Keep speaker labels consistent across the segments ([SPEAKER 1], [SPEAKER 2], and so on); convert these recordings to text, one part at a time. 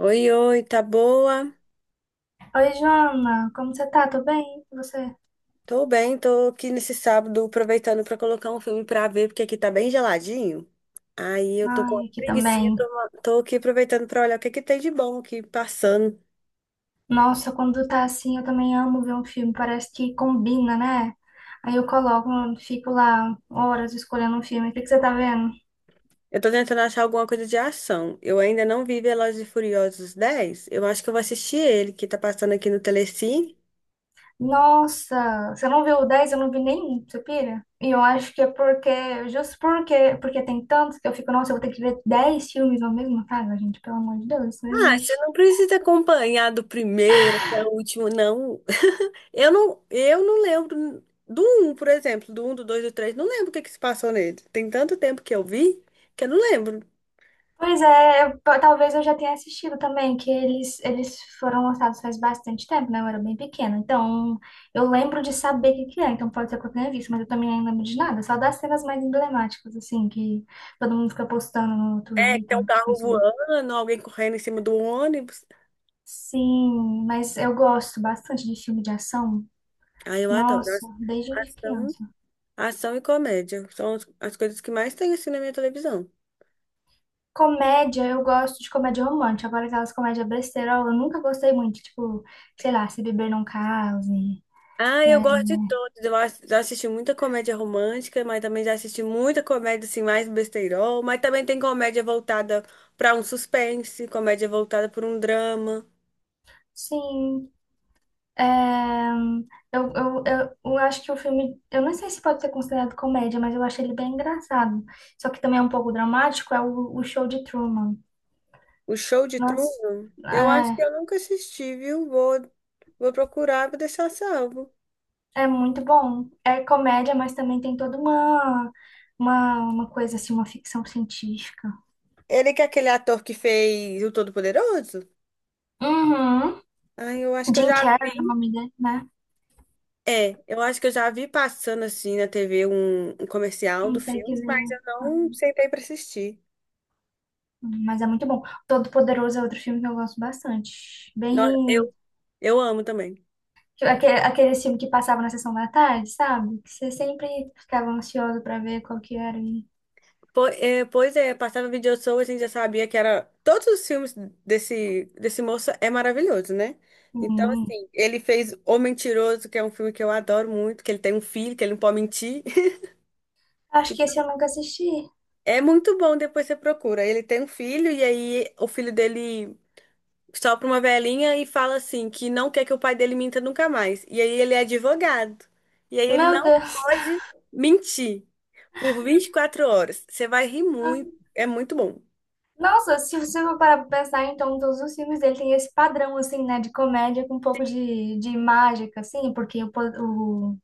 [SPEAKER 1] Oi, oi, tá boa?
[SPEAKER 2] Oi, Joana, como você tá? Tô bem? E você?
[SPEAKER 1] Tô bem, tô aqui nesse sábado aproveitando pra colocar um filme pra ver, porque aqui tá bem geladinho. Aí eu tô com uma
[SPEAKER 2] Ai, aqui
[SPEAKER 1] preguicinha,
[SPEAKER 2] também.
[SPEAKER 1] tô aqui aproveitando pra olhar o que que tem de bom aqui passando.
[SPEAKER 2] Nossa, quando tá assim, eu também amo ver um filme, parece que combina, né? Aí eu coloco, fico lá horas escolhendo um filme. O que que você tá vendo?
[SPEAKER 1] Eu tô tentando achar alguma coisa de ação. Eu ainda não vi Velozes e Furiosos 10. Eu acho que eu vou assistir ele, que tá passando aqui no Telecine.
[SPEAKER 2] Nossa, você não viu o 10? Eu não vi nenhum, você pira? E eu acho que é porque, justo porque tem tantos que eu fico, nossa, eu vou ter que ver 10 filmes na mesma casa, gente, pelo amor de Deus, isso não
[SPEAKER 1] Ah, você
[SPEAKER 2] existe.
[SPEAKER 1] não precisa acompanhar do primeiro até o último, não. Eu não lembro do um, por exemplo, do um, do 2, do 3. Não lembro o que que se passou nele. Tem tanto tempo que eu vi que eu não lembro.
[SPEAKER 2] Pois é, talvez eu já tenha assistido também, que eles foram lançados faz bastante tempo, né? Eu era bem pequena. Então, eu lembro de saber o que que é, então pode ser que eu tenha visto, mas eu também não lembro de nada, só das cenas mais emblemáticas, assim, que todo mundo fica postando no
[SPEAKER 1] É, que tem
[SPEAKER 2] Twitter,
[SPEAKER 1] um
[SPEAKER 2] no
[SPEAKER 1] carro
[SPEAKER 2] Facebook.
[SPEAKER 1] voando, alguém correndo em cima do ônibus.
[SPEAKER 2] Sim, mas eu gosto bastante de filme de ação.
[SPEAKER 1] Aí eu adoro.
[SPEAKER 2] Nossa, desde
[SPEAKER 1] Ação,
[SPEAKER 2] criança.
[SPEAKER 1] ação e comédia são as coisas que mais tem assim na minha televisão.
[SPEAKER 2] Comédia, eu gosto de comédia romântica. Agora, aquelas comédias besteirol, eu nunca gostei muito. Tipo, sei lá, Se Beber Não Case.
[SPEAKER 1] Ah, eu gosto de todos. Já assisti muita comédia romântica, mas também já assisti muita comédia assim mais besteirol, mas também tem comédia voltada para um suspense, comédia voltada para um drama.
[SPEAKER 2] Sim. É, eu acho que o filme, eu não sei se pode ser considerado comédia, mas eu acho ele bem engraçado. Só que também é um pouco dramático, é o Show de Truman.
[SPEAKER 1] O Show de
[SPEAKER 2] Nossa,
[SPEAKER 1] Truman? Eu acho que eu nunca assisti, viu? Vou procurar, vou deixar salvo.
[SPEAKER 2] é muito bom. É comédia, mas também tem toda uma coisa assim, uma ficção científica.
[SPEAKER 1] Ele que é aquele ator que fez O Todo-Poderoso?
[SPEAKER 2] Uhum.
[SPEAKER 1] Ai, eu acho que eu
[SPEAKER 2] Jim
[SPEAKER 1] já vi.
[SPEAKER 2] Carrey é o nome dele, né?
[SPEAKER 1] É, eu acho que eu já vi passando assim na TV um comercial do
[SPEAKER 2] Um
[SPEAKER 1] filme, mas
[SPEAKER 2] takezinho.
[SPEAKER 1] eu não sentei pra assistir.
[SPEAKER 2] Mas é muito bom. Todo Poderoso é outro filme que eu gosto bastante.
[SPEAKER 1] No- Eu,
[SPEAKER 2] Bem.
[SPEAKER 1] eu amo também.
[SPEAKER 2] Tipo, aqueles filmes que passavam na sessão da tarde, sabe? Que você sempre ficava ansioso pra ver qual que era.
[SPEAKER 1] Pois é, passava Vídeo Show, a gente já sabia que era. Todos os filmes desse moço é maravilhoso, né? Então,
[SPEAKER 2] Hum,
[SPEAKER 1] assim, ele fez O Mentiroso, que é um filme que eu adoro muito, que ele tem um filho, que ele não pode mentir.
[SPEAKER 2] Acho
[SPEAKER 1] Que
[SPEAKER 2] que esse eu nunca assisti.
[SPEAKER 1] é muito bom, depois você procura. Ele tem um filho, e aí o filho dele sopra uma velhinha e fala assim, que não quer que o pai dele minta nunca mais. E aí ele é advogado. E aí ele
[SPEAKER 2] Meu
[SPEAKER 1] não
[SPEAKER 2] Deus.
[SPEAKER 1] pode mentir por 24 horas. Você vai rir
[SPEAKER 2] Ah,
[SPEAKER 1] muito, é muito bom.
[SPEAKER 2] nossa, se você for parar pra pensar, então todos os filmes dele têm esse padrão, assim, né? De comédia com um pouco de mágica, assim, porque o, po- o,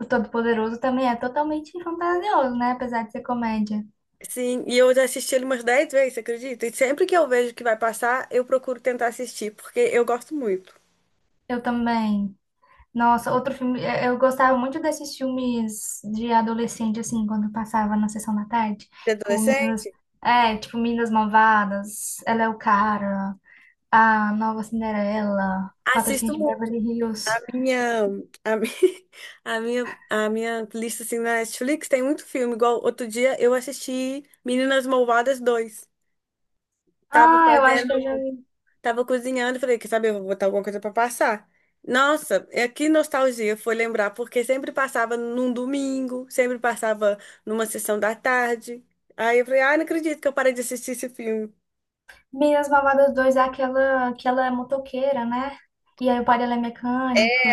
[SPEAKER 2] o Todo-Poderoso também é totalmente fantasioso, né? Apesar de ser comédia.
[SPEAKER 1] Sim, e eu já assisti ele umas 10 vezes, você acredita? E sempre que eu vejo que vai passar, eu procuro tentar assistir, porque eu gosto muito.
[SPEAKER 2] Eu também. Nossa, outro filme. Eu gostava muito desses filmes de adolescente, assim, quando passava na sessão da tarde.
[SPEAKER 1] De
[SPEAKER 2] Tipo, Meninas.
[SPEAKER 1] adolescente?
[SPEAKER 2] É, tipo, Meninas Malvadas, Ela é o Cara, A Nova Cinderela, Patrocínio
[SPEAKER 1] Assisto
[SPEAKER 2] de
[SPEAKER 1] muito.
[SPEAKER 2] Beverly Hills.
[SPEAKER 1] A minha, a mi- A minha lista assim, na Netflix tem muito filme. Igual outro dia eu assisti Meninas Malvadas dois. Tava
[SPEAKER 2] Ah, eu acho
[SPEAKER 1] fazendo
[SPEAKER 2] que eu já vi.
[SPEAKER 1] Tava cozinhando, falei, quer saber, eu vou botar alguma coisa pra passar. Nossa, é que nostalgia foi lembrar, porque sempre passava num domingo, sempre passava numa sessão da tarde. Aí eu falei, ah, não acredito que eu parei de assistir esse filme.
[SPEAKER 2] Meninas Malvadas 2 é aquela que ela é motoqueira, né? E aí o pai dela é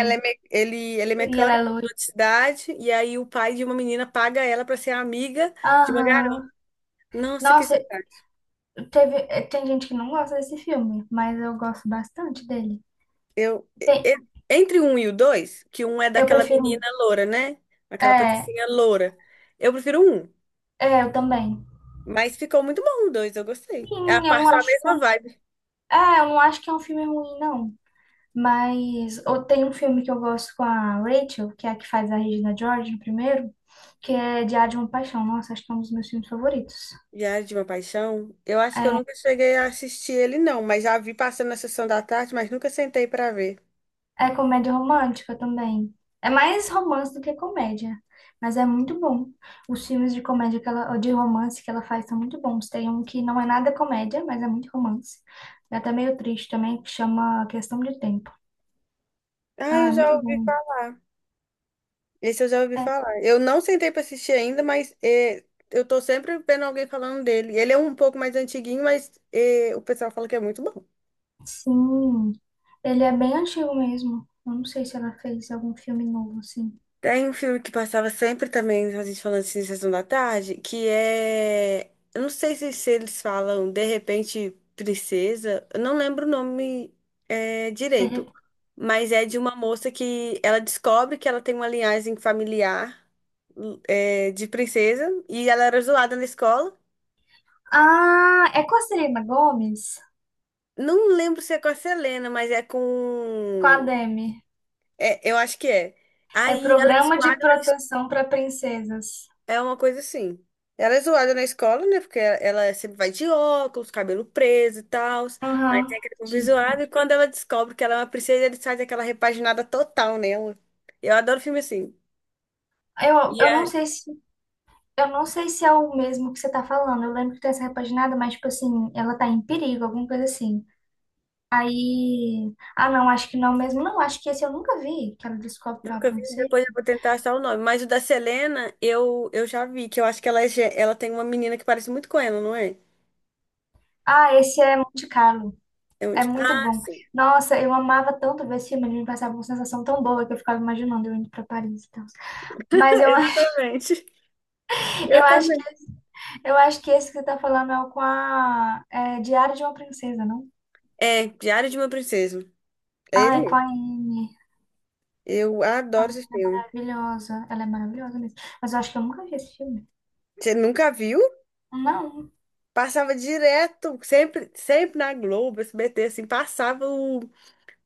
[SPEAKER 1] Ele, ele é
[SPEAKER 2] E ela
[SPEAKER 1] mecânico,
[SPEAKER 2] é loira.
[SPEAKER 1] mudou de cidade, e aí o pai de uma menina paga ela pra ser amiga de uma garota.
[SPEAKER 2] Aham.
[SPEAKER 1] Nossa, que
[SPEAKER 2] Nossa,
[SPEAKER 1] sacanagem.
[SPEAKER 2] tem gente que não gosta desse filme, mas eu gosto bastante dele.
[SPEAKER 1] Eu, e-
[SPEAKER 2] Tem,
[SPEAKER 1] e- Entre um e o dois, que um é
[SPEAKER 2] eu
[SPEAKER 1] daquela
[SPEAKER 2] prefiro um.
[SPEAKER 1] menina loura, né? Aquela
[SPEAKER 2] É,
[SPEAKER 1] patricinha loura. Eu prefiro um.
[SPEAKER 2] é, eu também.
[SPEAKER 1] Mas ficou muito bom o dois, eu gostei. É a
[SPEAKER 2] Sim,
[SPEAKER 1] parte da mesma vibe.
[SPEAKER 2] eu não acho que é um filme ruim, não. Mas ou tem um filme que eu gosto com a Rachel, que é a que faz a Regina George no primeiro, que é Diário de uma Paixão. Nossa, acho que é um dos meus filmes favoritos.
[SPEAKER 1] Diário de uma Paixão, eu acho que eu
[SPEAKER 2] É,
[SPEAKER 1] nunca cheguei a assistir ele, não, mas já vi passando na sessão da tarde, mas nunca sentei pra ver.
[SPEAKER 2] é comédia romântica também. É mais romance do que comédia, mas é muito bom. Os filmes de comédia que ela, ou de romance que ela faz são muito bons. Tem um que não é nada comédia, mas é muito romance. É até meio triste também, que chama Questão de Tempo.
[SPEAKER 1] Ah,
[SPEAKER 2] Ah,
[SPEAKER 1] eu
[SPEAKER 2] é muito
[SPEAKER 1] já ouvi
[SPEAKER 2] bom.
[SPEAKER 1] falar. Esse eu já ouvi
[SPEAKER 2] É,
[SPEAKER 1] falar. Eu não sentei pra assistir ainda, mas é, eu tô sempre vendo alguém falando dele. Ele é um pouco mais antiguinho, mas é, o pessoal fala que é muito bom.
[SPEAKER 2] sim. Ele é bem antigo mesmo. Eu não sei se ela fez algum filme novo, assim.
[SPEAKER 1] Tem um filme que passava sempre também, a gente falando assim, Sessão da Tarde, que é. Eu não sei se eles falam De Repente Princesa, eu não lembro o nome
[SPEAKER 2] De
[SPEAKER 1] direito,
[SPEAKER 2] rep-
[SPEAKER 1] mas é de uma moça que ela descobre que ela tem uma linhagem familiar, de princesa e ela era zoada na escola.
[SPEAKER 2] Ah, é com a Selena Gomes?
[SPEAKER 1] Não lembro se é com a Selena, mas é
[SPEAKER 2] Com a
[SPEAKER 1] com.
[SPEAKER 2] Demi.
[SPEAKER 1] É, eu acho que é.
[SPEAKER 2] É
[SPEAKER 1] Aí ela é.
[SPEAKER 2] Programa de Proteção para Princesas.
[SPEAKER 1] É uma coisa assim. Ela é zoada na escola, né? Porque ela Ela sempre vai de óculos, cabelo preso e tal. Aí
[SPEAKER 2] Aham,
[SPEAKER 1] tem aquele povo zoado.
[SPEAKER 2] típico.
[SPEAKER 1] E quando ela descobre que ela é uma princesa, ele sai daquela repaginada total nela. Eu adoro filme assim. E
[SPEAKER 2] Eu não
[SPEAKER 1] a-
[SPEAKER 2] sei se eu não sei se é o mesmo que você tá falando. Eu lembro que tem essa repaginada, mas tipo assim, ela tá em perigo, alguma coisa assim. Aí, ah não, acho que não mesmo. Não, acho que esse eu nunca vi, que ela descobre que é uma
[SPEAKER 1] Nunca vi,
[SPEAKER 2] princesa.
[SPEAKER 1] depois eu vou tentar achar o nome. Mas o da Selena, eu já vi, que eu acho que ela, ela tem uma menina que parece muito com ela, não é?
[SPEAKER 2] Ah, esse é Monte Carlo. É muito
[SPEAKER 1] Ah,
[SPEAKER 2] bom.
[SPEAKER 1] sim.
[SPEAKER 2] Nossa, eu amava tanto ver esse filme, ele me passava uma sensação tão boa que eu ficava imaginando eu indo para Paris e tal. Mas eu,
[SPEAKER 1] Exatamente. Eu
[SPEAKER 2] eu acho
[SPEAKER 1] também.
[SPEAKER 2] que eu acho que esse que você tá falando é o com a Diário de uma Princesa, não?
[SPEAKER 1] É, Diário de uma Princesa. É
[SPEAKER 2] Ah,
[SPEAKER 1] ele
[SPEAKER 2] é com
[SPEAKER 1] mesmo.
[SPEAKER 2] a Anne.
[SPEAKER 1] Eu adoro
[SPEAKER 2] Ah,
[SPEAKER 1] esse filme.
[SPEAKER 2] maravilhosa. Ela é maravilhosa mesmo. Mas eu acho que eu nunca vi esse filme.
[SPEAKER 1] Você nunca viu?
[SPEAKER 2] Não.
[SPEAKER 1] Passava direto, sempre, sempre na Globo, SBT, assim, passava o,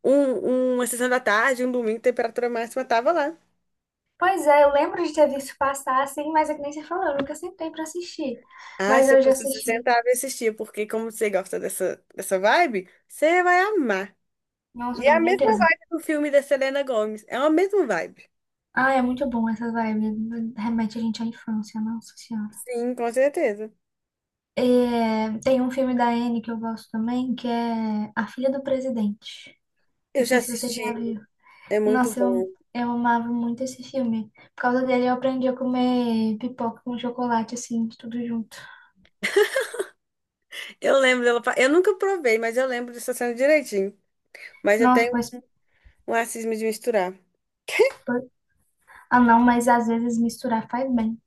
[SPEAKER 1] um, uma sessão da tarde, um domingo, temperatura máxima, tava lá.
[SPEAKER 2] Pois é, eu lembro de ter visto passar assim, mas é que nem você falou, eu nunca sentei para assistir.
[SPEAKER 1] Ah,
[SPEAKER 2] Mas
[SPEAKER 1] se eu
[SPEAKER 2] eu já
[SPEAKER 1] fosse, você
[SPEAKER 2] assisti.
[SPEAKER 1] sentava e assistia, porque como você gosta dessa vibe, você vai amar.
[SPEAKER 2] Nossa,
[SPEAKER 1] E
[SPEAKER 2] eu
[SPEAKER 1] é a
[SPEAKER 2] tenho
[SPEAKER 1] mesma
[SPEAKER 2] certeza.
[SPEAKER 1] vibe do filme da Selena Gomez, é a mesma vibe.
[SPEAKER 2] Ah, é muito bom essas vibes. Remete a gente à infância, nossa senhora.
[SPEAKER 1] Sim, com certeza.
[SPEAKER 2] É, tem um filme da Anne que eu gosto também, que é A Filha do Presidente.
[SPEAKER 1] Eu
[SPEAKER 2] Não
[SPEAKER 1] já
[SPEAKER 2] sei se você
[SPEAKER 1] assisti,
[SPEAKER 2] já viu.
[SPEAKER 1] é muito
[SPEAKER 2] Nossa,
[SPEAKER 1] bom.
[SPEAKER 2] eu amava muito esse filme. Por causa dele, eu aprendi a comer pipoca com chocolate, assim, tudo junto.
[SPEAKER 1] Eu lembro dela, eu nunca provei, mas eu lembro dessa cena direitinho. Mas eu
[SPEAKER 2] Nossa,
[SPEAKER 1] tenho
[SPEAKER 2] mas.
[SPEAKER 1] um racismo de misturar.
[SPEAKER 2] Ah, não, mas às vezes misturar faz bem,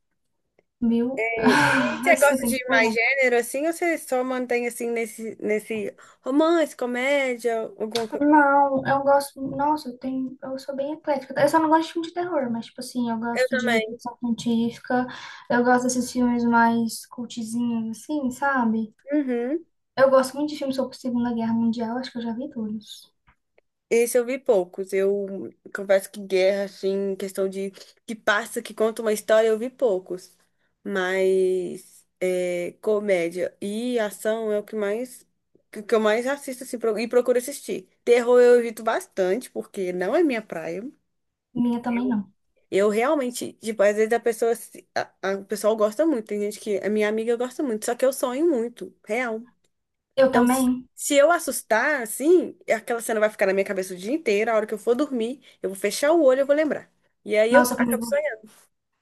[SPEAKER 2] viu?
[SPEAKER 1] E você
[SPEAKER 2] Você
[SPEAKER 1] gosta
[SPEAKER 2] tem
[SPEAKER 1] de
[SPEAKER 2] que
[SPEAKER 1] mais
[SPEAKER 2] provar.
[SPEAKER 1] gênero assim ou você só mantém assim nesse romance, comédia, alguma coisa?
[SPEAKER 2] Não, eu gosto. Nossa, eu tenho. Eu sou bem eclética. Eu só não gosto de filme de terror, mas, tipo assim, eu
[SPEAKER 1] Eu
[SPEAKER 2] gosto de
[SPEAKER 1] também.
[SPEAKER 2] ficção científica. Eu gosto desses filmes mais cultizinhos, assim, sabe?
[SPEAKER 1] Uhum.
[SPEAKER 2] Eu gosto muito de filmes sobre Segunda Guerra Mundial. Acho que eu já vi todos.
[SPEAKER 1] Esse eu vi poucos. Eu confesso que guerra, assim, questão de que passa, que conta uma história, eu vi poucos. Mas é, comédia e ação é o que mais que eu mais assisto assim, e procuro assistir. Terror eu evito bastante, porque não é minha praia.
[SPEAKER 2] Minha também não.
[SPEAKER 1] Eu realmente, tipo, às vezes a pessoa, o pessoal gosta muito, tem gente que, a minha amiga gosta muito, só que eu sonho muito, real.
[SPEAKER 2] Eu
[SPEAKER 1] Então,
[SPEAKER 2] também.
[SPEAKER 1] se eu assustar, assim, aquela cena vai ficar na minha cabeça o dia inteiro, a hora que eu for dormir, eu vou fechar o olho, eu vou lembrar. E aí eu
[SPEAKER 2] Nossa,
[SPEAKER 1] acabo
[SPEAKER 2] comigo
[SPEAKER 1] sonhando.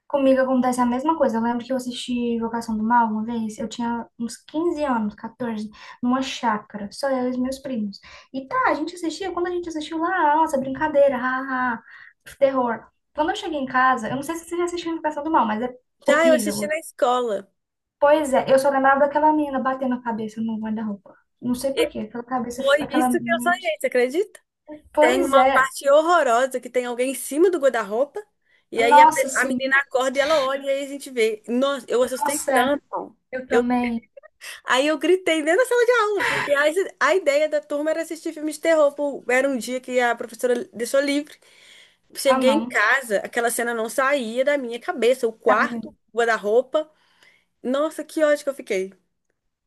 [SPEAKER 2] Comigo acontece a mesma coisa. Eu lembro que eu assisti Invocação do Mal uma vez. Eu tinha uns 15 anos, 14, numa chácara, só eu e os meus primos. E tá, a gente assistia, quando a gente assistiu lá, nossa, brincadeira, ha, ha, terror. Quando eu cheguei em casa, eu não sei se você já assistiu Invocação do Mal, mas é
[SPEAKER 1] Já eu assisti
[SPEAKER 2] horrível.
[SPEAKER 1] na escola.
[SPEAKER 2] Pois é, eu só lembrava daquela menina batendo a cabeça no guarda-roupa. Não sei por quê, aquela cabeça,
[SPEAKER 1] Foi isso
[SPEAKER 2] aquela
[SPEAKER 1] que eu
[SPEAKER 2] mente.
[SPEAKER 1] sonhei, você acredita? Tem
[SPEAKER 2] Pois
[SPEAKER 1] uma
[SPEAKER 2] é,
[SPEAKER 1] parte horrorosa que tem alguém em cima do guarda-roupa, e aí
[SPEAKER 2] nossa,
[SPEAKER 1] a
[SPEAKER 2] sim.
[SPEAKER 1] menina acorda e ela olha, e aí a gente vê. Nossa, eu assustei
[SPEAKER 2] Nossa,
[SPEAKER 1] tanto.
[SPEAKER 2] eu também.
[SPEAKER 1] Aí eu gritei dentro da sala de aula, porque a ideia da turma era assistir filmes de terror. Pô. Era um dia que a professora deixou livre.
[SPEAKER 2] Ah,
[SPEAKER 1] Cheguei em
[SPEAKER 2] não.
[SPEAKER 1] casa, aquela cena não saía da minha cabeça, o quarto, o guarda-roupa. Nossa, que ódio que eu fiquei.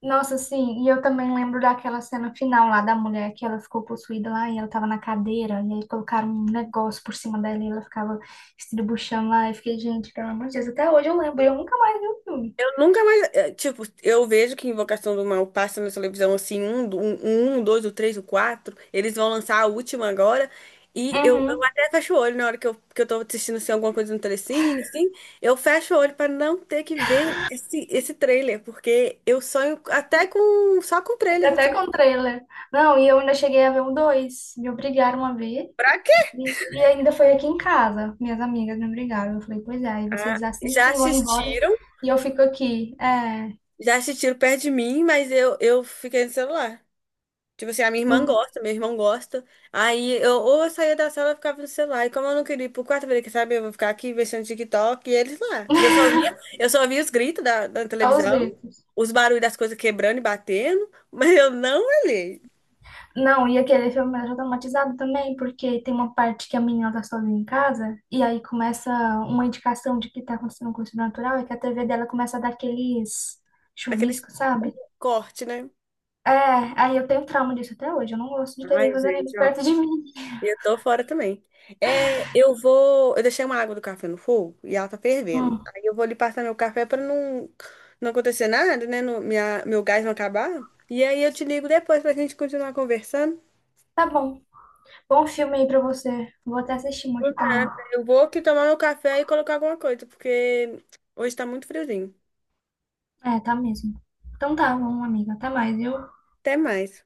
[SPEAKER 2] Nossa, sim, e eu também lembro daquela cena final lá da mulher que ela ficou possuída lá e ela tava na cadeira e aí colocaram um negócio por cima dela e ela ficava estribuchando lá. Eu fiquei, gente, pelo amor de Deus, até hoje eu lembro, eu nunca mais vi o filme.
[SPEAKER 1] Eu nunca mais. Tipo, eu vejo que Invocação do Mal passa na televisão assim, um, dois, o três, o quatro. Eles vão lançar a última agora. Eu
[SPEAKER 2] Uhum,
[SPEAKER 1] até fecho o olho na hora que eu tô assistindo assim, alguma coisa no Telecine, assim. Eu fecho o olho para não ter que ver esse trailer, porque eu sonho até com só com trailer,
[SPEAKER 2] até
[SPEAKER 1] assim.
[SPEAKER 2] com trailer. Não, e eu ainda cheguei a ver um dois, me obrigaram a ver
[SPEAKER 1] Pra quê?
[SPEAKER 2] e ainda foi aqui em casa, minhas amigas me obrigaram. Eu falei, pois é, aí
[SPEAKER 1] Ah,
[SPEAKER 2] vocês
[SPEAKER 1] já
[SPEAKER 2] assistem e vão embora
[SPEAKER 1] assistiram,
[SPEAKER 2] e eu fico aqui,
[SPEAKER 1] já assistiram perto de mim, mas eu fiquei no celular. Tipo assim, a minha irmã
[SPEAKER 2] em-
[SPEAKER 1] gosta, meu irmão gosta. Aí eu saía da sala e ficava no celular. E como eu não queria ir pro quarto, eu falei, quer saber? Eu vou ficar aqui mexendo TikTok e eles lá. Eu só via os gritos da
[SPEAKER 2] só os
[SPEAKER 1] televisão,
[SPEAKER 2] gritos.
[SPEAKER 1] os barulhos das coisas quebrando e batendo, mas eu não olhei.
[SPEAKER 2] Não, e aquele filme me deixou traumatizado também, porque tem uma parte que a menina tá sozinha em casa, e aí começa uma indicação de que tá acontecendo com o natural, é que a TV dela começa a dar aqueles
[SPEAKER 1] Aquele
[SPEAKER 2] chuviscos, sabe?
[SPEAKER 1] corte, né?
[SPEAKER 2] É, aí eu tenho trauma disso até hoje, eu não gosto de
[SPEAKER 1] Ai,
[SPEAKER 2] TV fazendo
[SPEAKER 1] gente,
[SPEAKER 2] isso perto de mim.
[SPEAKER 1] e eu tô fora também. É, eu vou. Eu deixei uma água do café no fogo e ela tá fervendo.
[SPEAKER 2] Hum,
[SPEAKER 1] Aí eu vou ali passar meu café pra não, não acontecer nada, né? Meu gás não acabar. E aí eu te ligo depois pra gente continuar conversando.
[SPEAKER 2] tá bom. Bom filme aí pra você. Vou até assistir um
[SPEAKER 1] Por
[SPEAKER 2] aqui também.
[SPEAKER 1] nada. Eu vou aqui tomar meu café e colocar alguma coisa, porque hoje tá muito friozinho.
[SPEAKER 2] É, tá mesmo. Então tá bom, amiga. Até mais, viu?
[SPEAKER 1] Até mais.